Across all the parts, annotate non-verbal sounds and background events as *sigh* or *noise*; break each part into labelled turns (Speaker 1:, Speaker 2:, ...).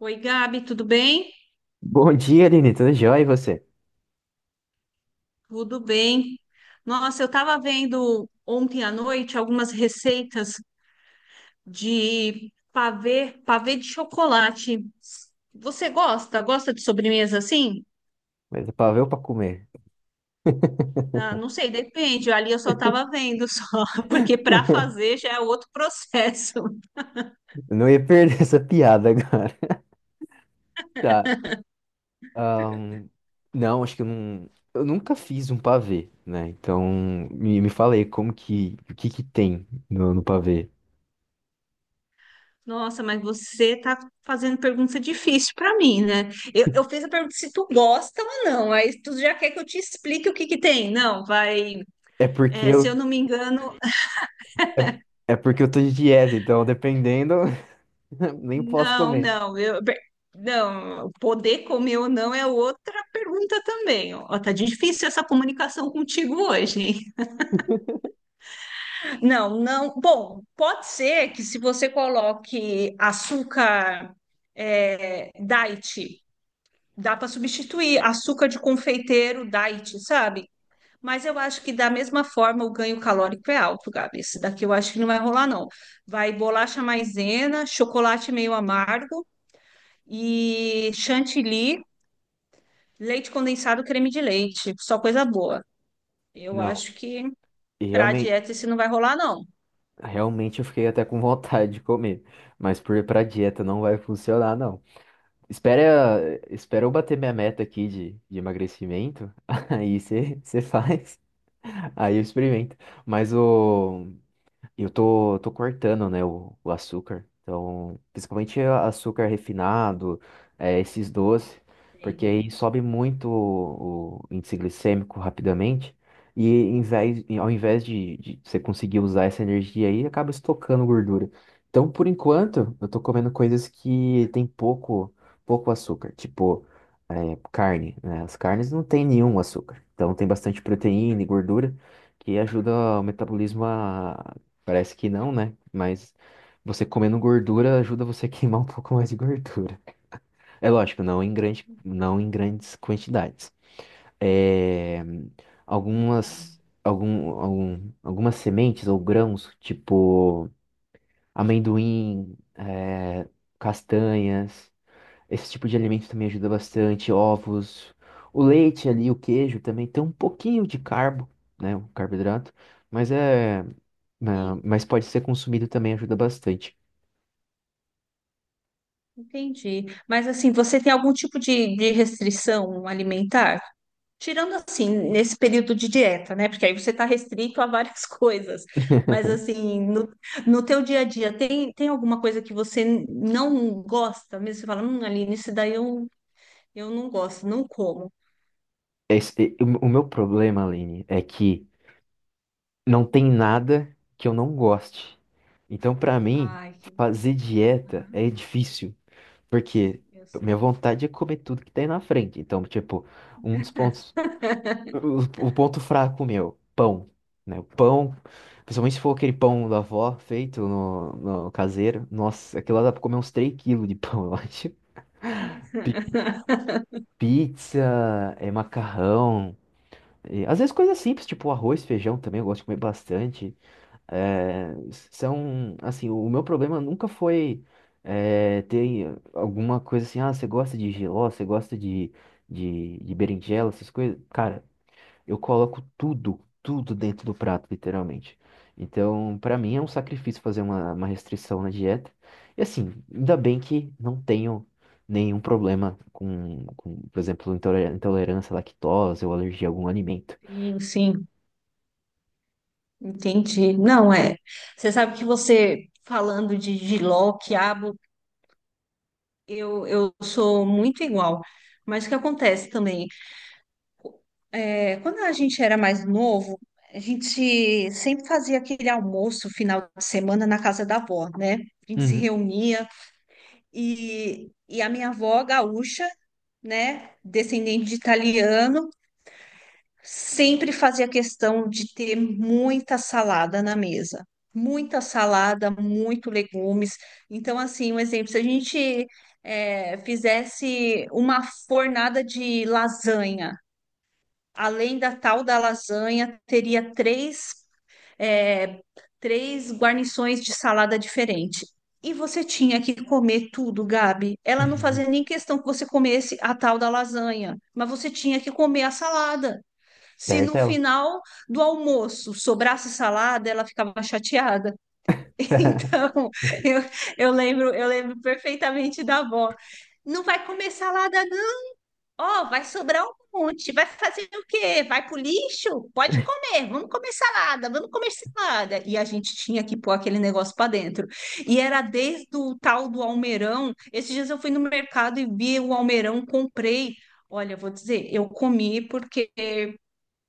Speaker 1: Oi, Gabi, tudo bem?
Speaker 2: Bom dia, Aline. Tudo jóia e você?
Speaker 1: Tudo bem. Nossa, eu estava vendo ontem à noite algumas receitas de pavê, pavê de chocolate. Você gosta? Gosta de sobremesa assim?
Speaker 2: Mas é pra ver ou pra comer?
Speaker 1: Ah, não sei, depende. Ali eu só estava vendo só, *laughs* porque para fazer já é outro processo.
Speaker 2: Eu não ia perder *laughs* essa piada agora. *laughs* Tá. ahn, não, acho que eu não. Eu nunca fiz um pavê, né? Então, me fala aí como que. O que que tem no pavê?
Speaker 1: Nossa, mas você tá fazendo pergunta difícil para mim, né? Eu fiz a pergunta se tu gosta ou não. Aí tu já quer que eu te explique o que que tem. Não, vai.
Speaker 2: É porque
Speaker 1: É, se
Speaker 2: eu.
Speaker 1: eu não me engano.
Speaker 2: É, é porque eu tô de dieta, então dependendo, *laughs* nem posso
Speaker 1: Não,
Speaker 2: comer.
Speaker 1: não, eu, bem, não, poder comer ou não é outra pergunta também. Ó, tá difícil essa comunicação contigo hoje, hein? *laughs* Não, não. Bom, pode ser que se você coloque açúcar, é, diet, dá para substituir açúcar de confeiteiro diet, sabe? Mas eu acho que da mesma forma o ganho calórico é alto, Gabi. Esse daqui eu acho que não vai rolar, não. Vai bolacha maisena, chocolate meio amargo, e chantilly, leite condensado, creme de leite. Só coisa boa. Eu
Speaker 2: Não.
Speaker 1: acho que
Speaker 2: E
Speaker 1: para
Speaker 2: realmente,
Speaker 1: dieta isso não vai rolar, não.
Speaker 2: realmente eu fiquei até com vontade de comer. Mas ir pra dieta não vai funcionar, não. Espera, espera eu bater minha meta aqui de emagrecimento, *laughs* aí você faz, aí eu experimento. Mas eu tô cortando, né, o açúcar. Então, principalmente açúcar refinado, esses doces, porque
Speaker 1: Eita,
Speaker 2: aí sobe muito o índice glicêmico rapidamente. E e ao invés de você conseguir usar essa energia aí, acaba estocando gordura. Então, por enquanto, eu tô comendo coisas que tem pouco açúcar, tipo, carne, né? As carnes não tem nenhum açúcar. Então, tem bastante proteína e gordura que ajuda o metabolismo. Parece que não, né? Mas você comendo gordura ajuda você a queimar um *laughs* pouco mais de gordura. É lógico, não em grandes quantidades. É, algumas sementes ou grãos, tipo amendoim, castanhas, esse tipo de alimento também ajuda bastante, ovos, o leite ali, o queijo também tem um pouquinho de carbo, né? Um carboidrato, mas é, né,
Speaker 1: sim,
Speaker 2: mas pode ser consumido, também ajuda bastante.
Speaker 1: entendi. Mas assim, você tem algum tipo de restrição alimentar? Tirando assim, nesse período de dieta, né? Porque aí você está restrito a várias *laughs* coisas. Mas assim, no, no teu dia a dia, tem, tem alguma coisa que você não gosta? Mesmo você fala, Aline, isso daí eu não gosto, não como.
Speaker 2: O meu problema, Aline, é que não tem nada que eu não goste. Então, pra mim,
Speaker 1: Ai, que... be-
Speaker 2: fazer dieta
Speaker 1: Aham,
Speaker 2: é difícil, porque
Speaker 1: eu sei.
Speaker 2: minha vontade é comer tudo que tem na frente. Então, tipo, um dos pontos, o ponto fraco meu, pão, né? O pão, principalmente se for aquele pão da avó feito no caseiro, nossa, aquilo lá dá pra comer uns 3 quilos de pão, *laughs* eu acho. Pizza, macarrão, e, às vezes, coisas simples, tipo arroz, feijão também, eu gosto de comer bastante. É, assim, o meu problema nunca foi, ter alguma coisa assim, ah, você gosta de jiló, você gosta de berinjela, essas coisas. Cara, eu coloco tudo, tudo dentro do prato, literalmente. Então, pra mim é um sacrifício fazer uma restrição na dieta. E assim, ainda bem que não tenho nenhum problema com, por exemplo, intolerância à lactose ou alergia a algum alimento.
Speaker 1: Sim, sim, entendi. Não é. Você sabe que você falando de jiló, quiabo, eu sou muito igual. Mas o que acontece também é, quando a gente era mais novo, a gente sempre fazia aquele almoço final de semana na casa da avó, né? A gente se
Speaker 2: Uhum.
Speaker 1: reunia e, a minha avó gaúcha, né, descendente de italiano, sempre fazia questão de ter muita salada na mesa. Muita salada, muito legumes. Então, assim, um exemplo, se a gente fizesse uma fornada de lasanha, além da tal da lasanha, teria três, eh, três guarnições de salada diferente. E você tinha que comer tudo, Gabi. Ela não fazia nem
Speaker 2: *laughs*
Speaker 1: questão que você comesse a tal da lasanha, mas você tinha que comer a salada. Se no
Speaker 2: Certo, ela.
Speaker 1: final do almoço sobrasse salada, ela ficava chateada. *laughs* Então, eu, eu lembro perfeitamente da avó. Não vai comer salada, não. Ó, vai sobrar um monte. Vai fazer o quê? Vai pro lixo? Pode comer. Vamos comer salada, vamos comer salada. E a gente tinha que pôr aquele negócio para dentro. E era desde o tal do almeirão. Esses dias eu fui no mercado e vi o almeirão, comprei. Olha, eu vou dizer, eu comi porque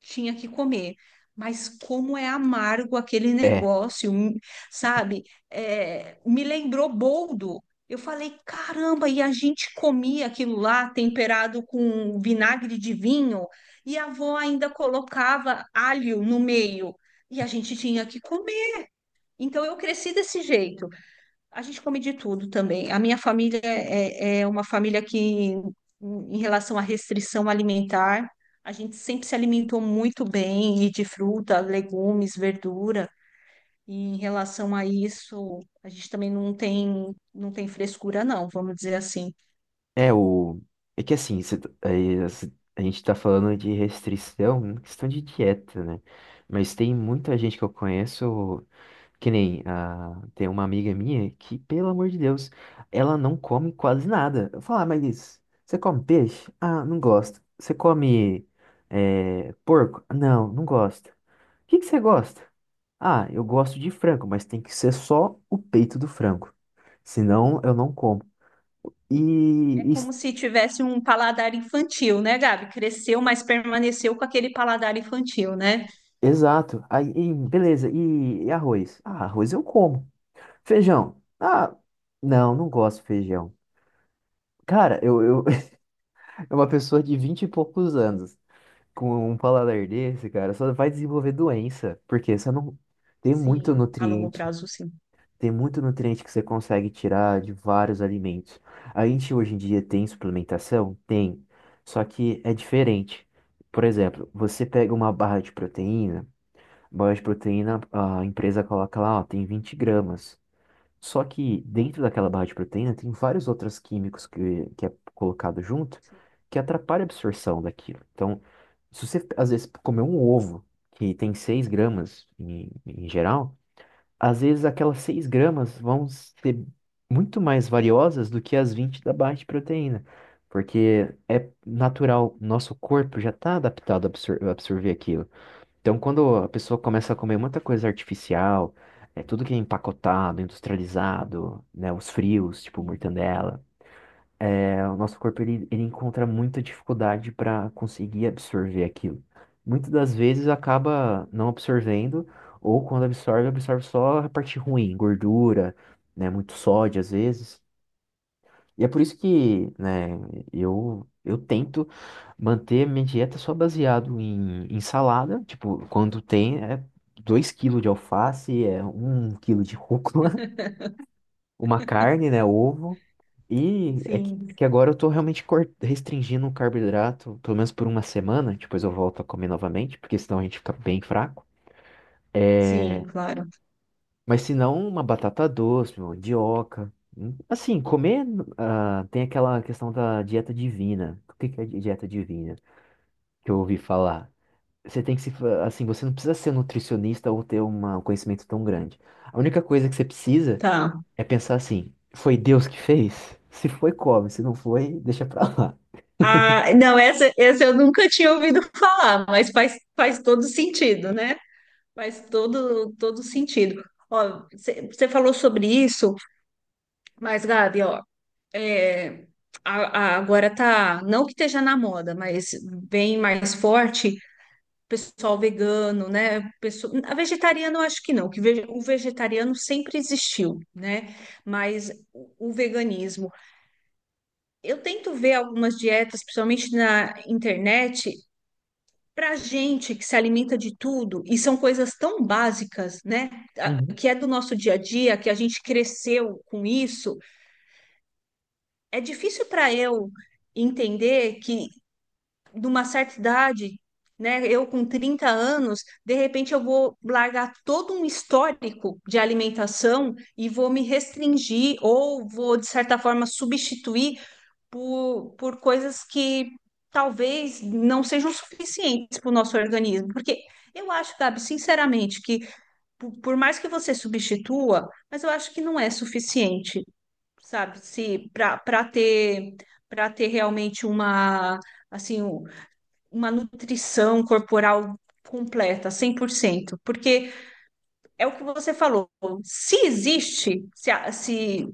Speaker 1: tinha que comer. Mas como é amargo aquele
Speaker 2: É,
Speaker 1: negócio, sabe? É, me lembrou boldo. Eu falei, caramba, e a gente comia aquilo lá temperado com vinagre de vinho, e a avó ainda colocava alho no meio, e a gente tinha que comer. Então eu cresci desse jeito. A gente come de tudo também. A minha família é, é uma família que, em relação à restrição alimentar, a gente sempre se alimentou muito bem e de fruta, legumes, verdura. E em relação a isso, a gente também não tem, não tem frescura, não, vamos dizer assim.
Speaker 2: é o. É que assim, cê tá- aí, cê- a gente tá falando de restrição, né, questão de dieta, né? Mas tem muita gente que eu conheço, que nem tem uma amiga minha que, pelo amor de Deus, ela não come quase nada. Eu falo, ah, mas isso, você come peixe? Ah, não gosto. Você come, porco? Não, não gosto. O que que você gosta? Ah, eu gosto de frango, mas tem que ser só o peito do frango. Senão eu não como.
Speaker 1: É
Speaker 2: E, e-
Speaker 1: como se tivesse um paladar infantil, né, Gabi? Cresceu, mas permaneceu com aquele paladar infantil, né?
Speaker 2: Exato. Aí, e beleza. E arroz? Ah, arroz eu como. Feijão? Ah, não, não gosto de feijão. Cara, eu *laughs* é uma pessoa de vinte e poucos anos com um paladar desse, cara, só vai desenvolver doença, porque você não tem muito
Speaker 1: Sim, a longo
Speaker 2: nutriente.
Speaker 1: prazo, sim.
Speaker 2: Tem muito nutriente que você consegue tirar de vários alimentos. A gente hoje em dia tem suplementação? Tem. Só que é diferente. Por exemplo, você pega uma barra de proteína, a empresa coloca lá, ó, tem 20 gramas. Só que dentro daquela barra de proteína tem vários outros químicos que é colocado junto, que atrapalha a absorção daquilo. Então, se você às vezes comer um ovo que tem 6 gramas, em geral, às vezes aquelas 6 gramas vão ser muito mais valiosas do que as 20 da baixa proteína, porque é natural, nosso corpo já está adaptado a a absorver aquilo. Então, quando a pessoa começa a comer muita coisa artificial, é tudo que é empacotado, industrializado, né, os frios, tipo
Speaker 1: Sim,
Speaker 2: mortandela, o nosso corpo, ele encontra muita dificuldade para conseguir absorver aquilo. Muitas das vezes acaba não absorvendo, ou quando absorve, absorve só a parte ruim, gordura, né, muito sódio às vezes. E é por isso que, né, eu tento manter minha dieta só baseado em salada, tipo, quando tem, 2 quilos de alface, é 1 quilo de rúcula, uma carne, né? Ovo. E é que, é
Speaker 1: sim,
Speaker 2: que agora eu tô realmente restringindo o carboidrato, pelo menos por uma semana. Depois eu volto a comer novamente, porque senão a gente fica bem fraco.
Speaker 1: sim,
Speaker 2: É,
Speaker 1: claro.
Speaker 2: mas se não, uma batata doce, uma mandioca. Assim, ah, tem aquela questão da dieta divina. O que que é dieta divina? Que eu ouvi falar. Você tem que se, assim, você não precisa ser nutricionista ou ter um conhecimento tão grande. A única coisa que você precisa
Speaker 1: Tá.
Speaker 2: é pensar assim, foi Deus que fez? Se foi, come. Se não foi, deixa pra lá.
Speaker 1: Ah, não, essa eu nunca tinha ouvido falar, mas faz, faz todo sentido, né? Faz todo, todo sentido. Ó, você falou sobre isso, mas, Gabi, ó, é, a- agora tá, não que esteja na moda, mas bem mais forte, o pessoal vegano, né? Pessoa, a vegetariana eu acho que não, que ve- o vegetariano sempre existiu, né? Mas o veganismo. Eu tento ver algumas dietas, principalmente na internet, para gente que se alimenta de tudo, e são coisas tão básicas, né? a-
Speaker 2: Uhum,
Speaker 1: Que é do nosso dia a dia, que a gente cresceu com isso, é difícil para eu entender que, numa certa idade, né? Eu com 30 anos, de repente eu vou largar todo um histórico de alimentação e vou me restringir ou vou, de certa forma, substituir por coisas que talvez não sejam suficientes para o nosso organismo. Porque eu acho, Gabi, sinceramente, que por mais que você substitua, mas eu acho que não é suficiente, sabe? Se para ter para ter realmente uma assim, um- uma nutrição corporal completa, 100% porque é o que você falou, se existe, se, a- se,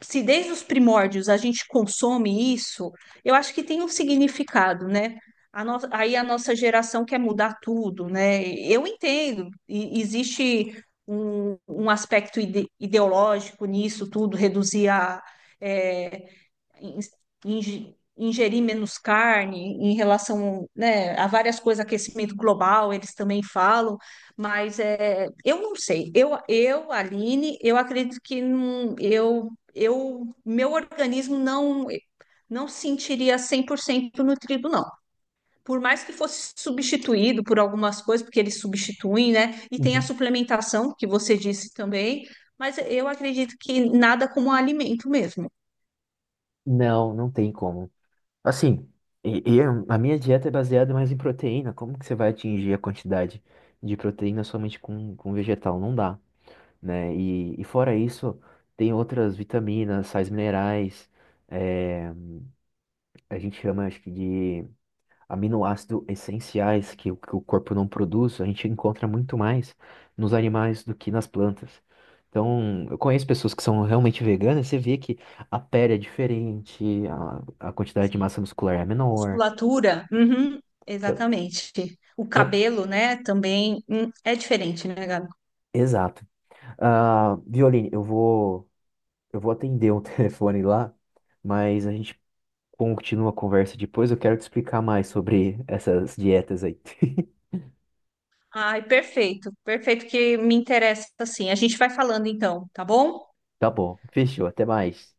Speaker 1: se desde os primórdios a gente consome isso, eu acho que tem um significado, né? A no- Aí a nossa geração quer mudar tudo, né? Eu entendo, e- existe um, um aspecto ide- ideológico nisso tudo, reduzir a, é, inge- ingerir menos carne em relação, né, a várias coisas, aquecimento global, eles também falam, mas é, eu não sei. Eu, Aline, eu acredito que não, eu, meu organismo não não sentiria 100% nutrido, não. Por mais que fosse substituído por algumas coisas, porque eles substituem, né? E tem a
Speaker 2: uhum.
Speaker 1: suplementação, que você disse também, mas eu acredito que nada como alimento mesmo.
Speaker 2: Não, não tem como. Assim, e a minha dieta é baseada mais em proteína. Como que você vai atingir a quantidade de proteína somente com vegetal? Não dá, né? E fora isso, tem outras vitaminas, sais minerais. é, a gente chama, acho que, de aminoácidos essenciais que o corpo não produz, a gente encontra muito mais nos animais do que nas plantas. Então, eu conheço pessoas que são realmente veganas, você vê que a pele é diferente, a quantidade de
Speaker 1: Sim.
Speaker 2: massa muscular é menor.
Speaker 1: Musculatura, uhum,
Speaker 2: Então,
Speaker 1: exatamente. O
Speaker 2: então-
Speaker 1: cabelo, né, também é diferente, né, Gabi?
Speaker 2: Exato. Ah, Violine, eu vou atender um *laughs* telefone lá, mas a gente continua a conversa depois. Eu quero te explicar mais sobre essas dietas aí. *laughs*
Speaker 1: Ai, perfeito, perfeito que me interessa assim. A gente vai falando então, tá bom?
Speaker 2: Tá bom, fechou, até mais.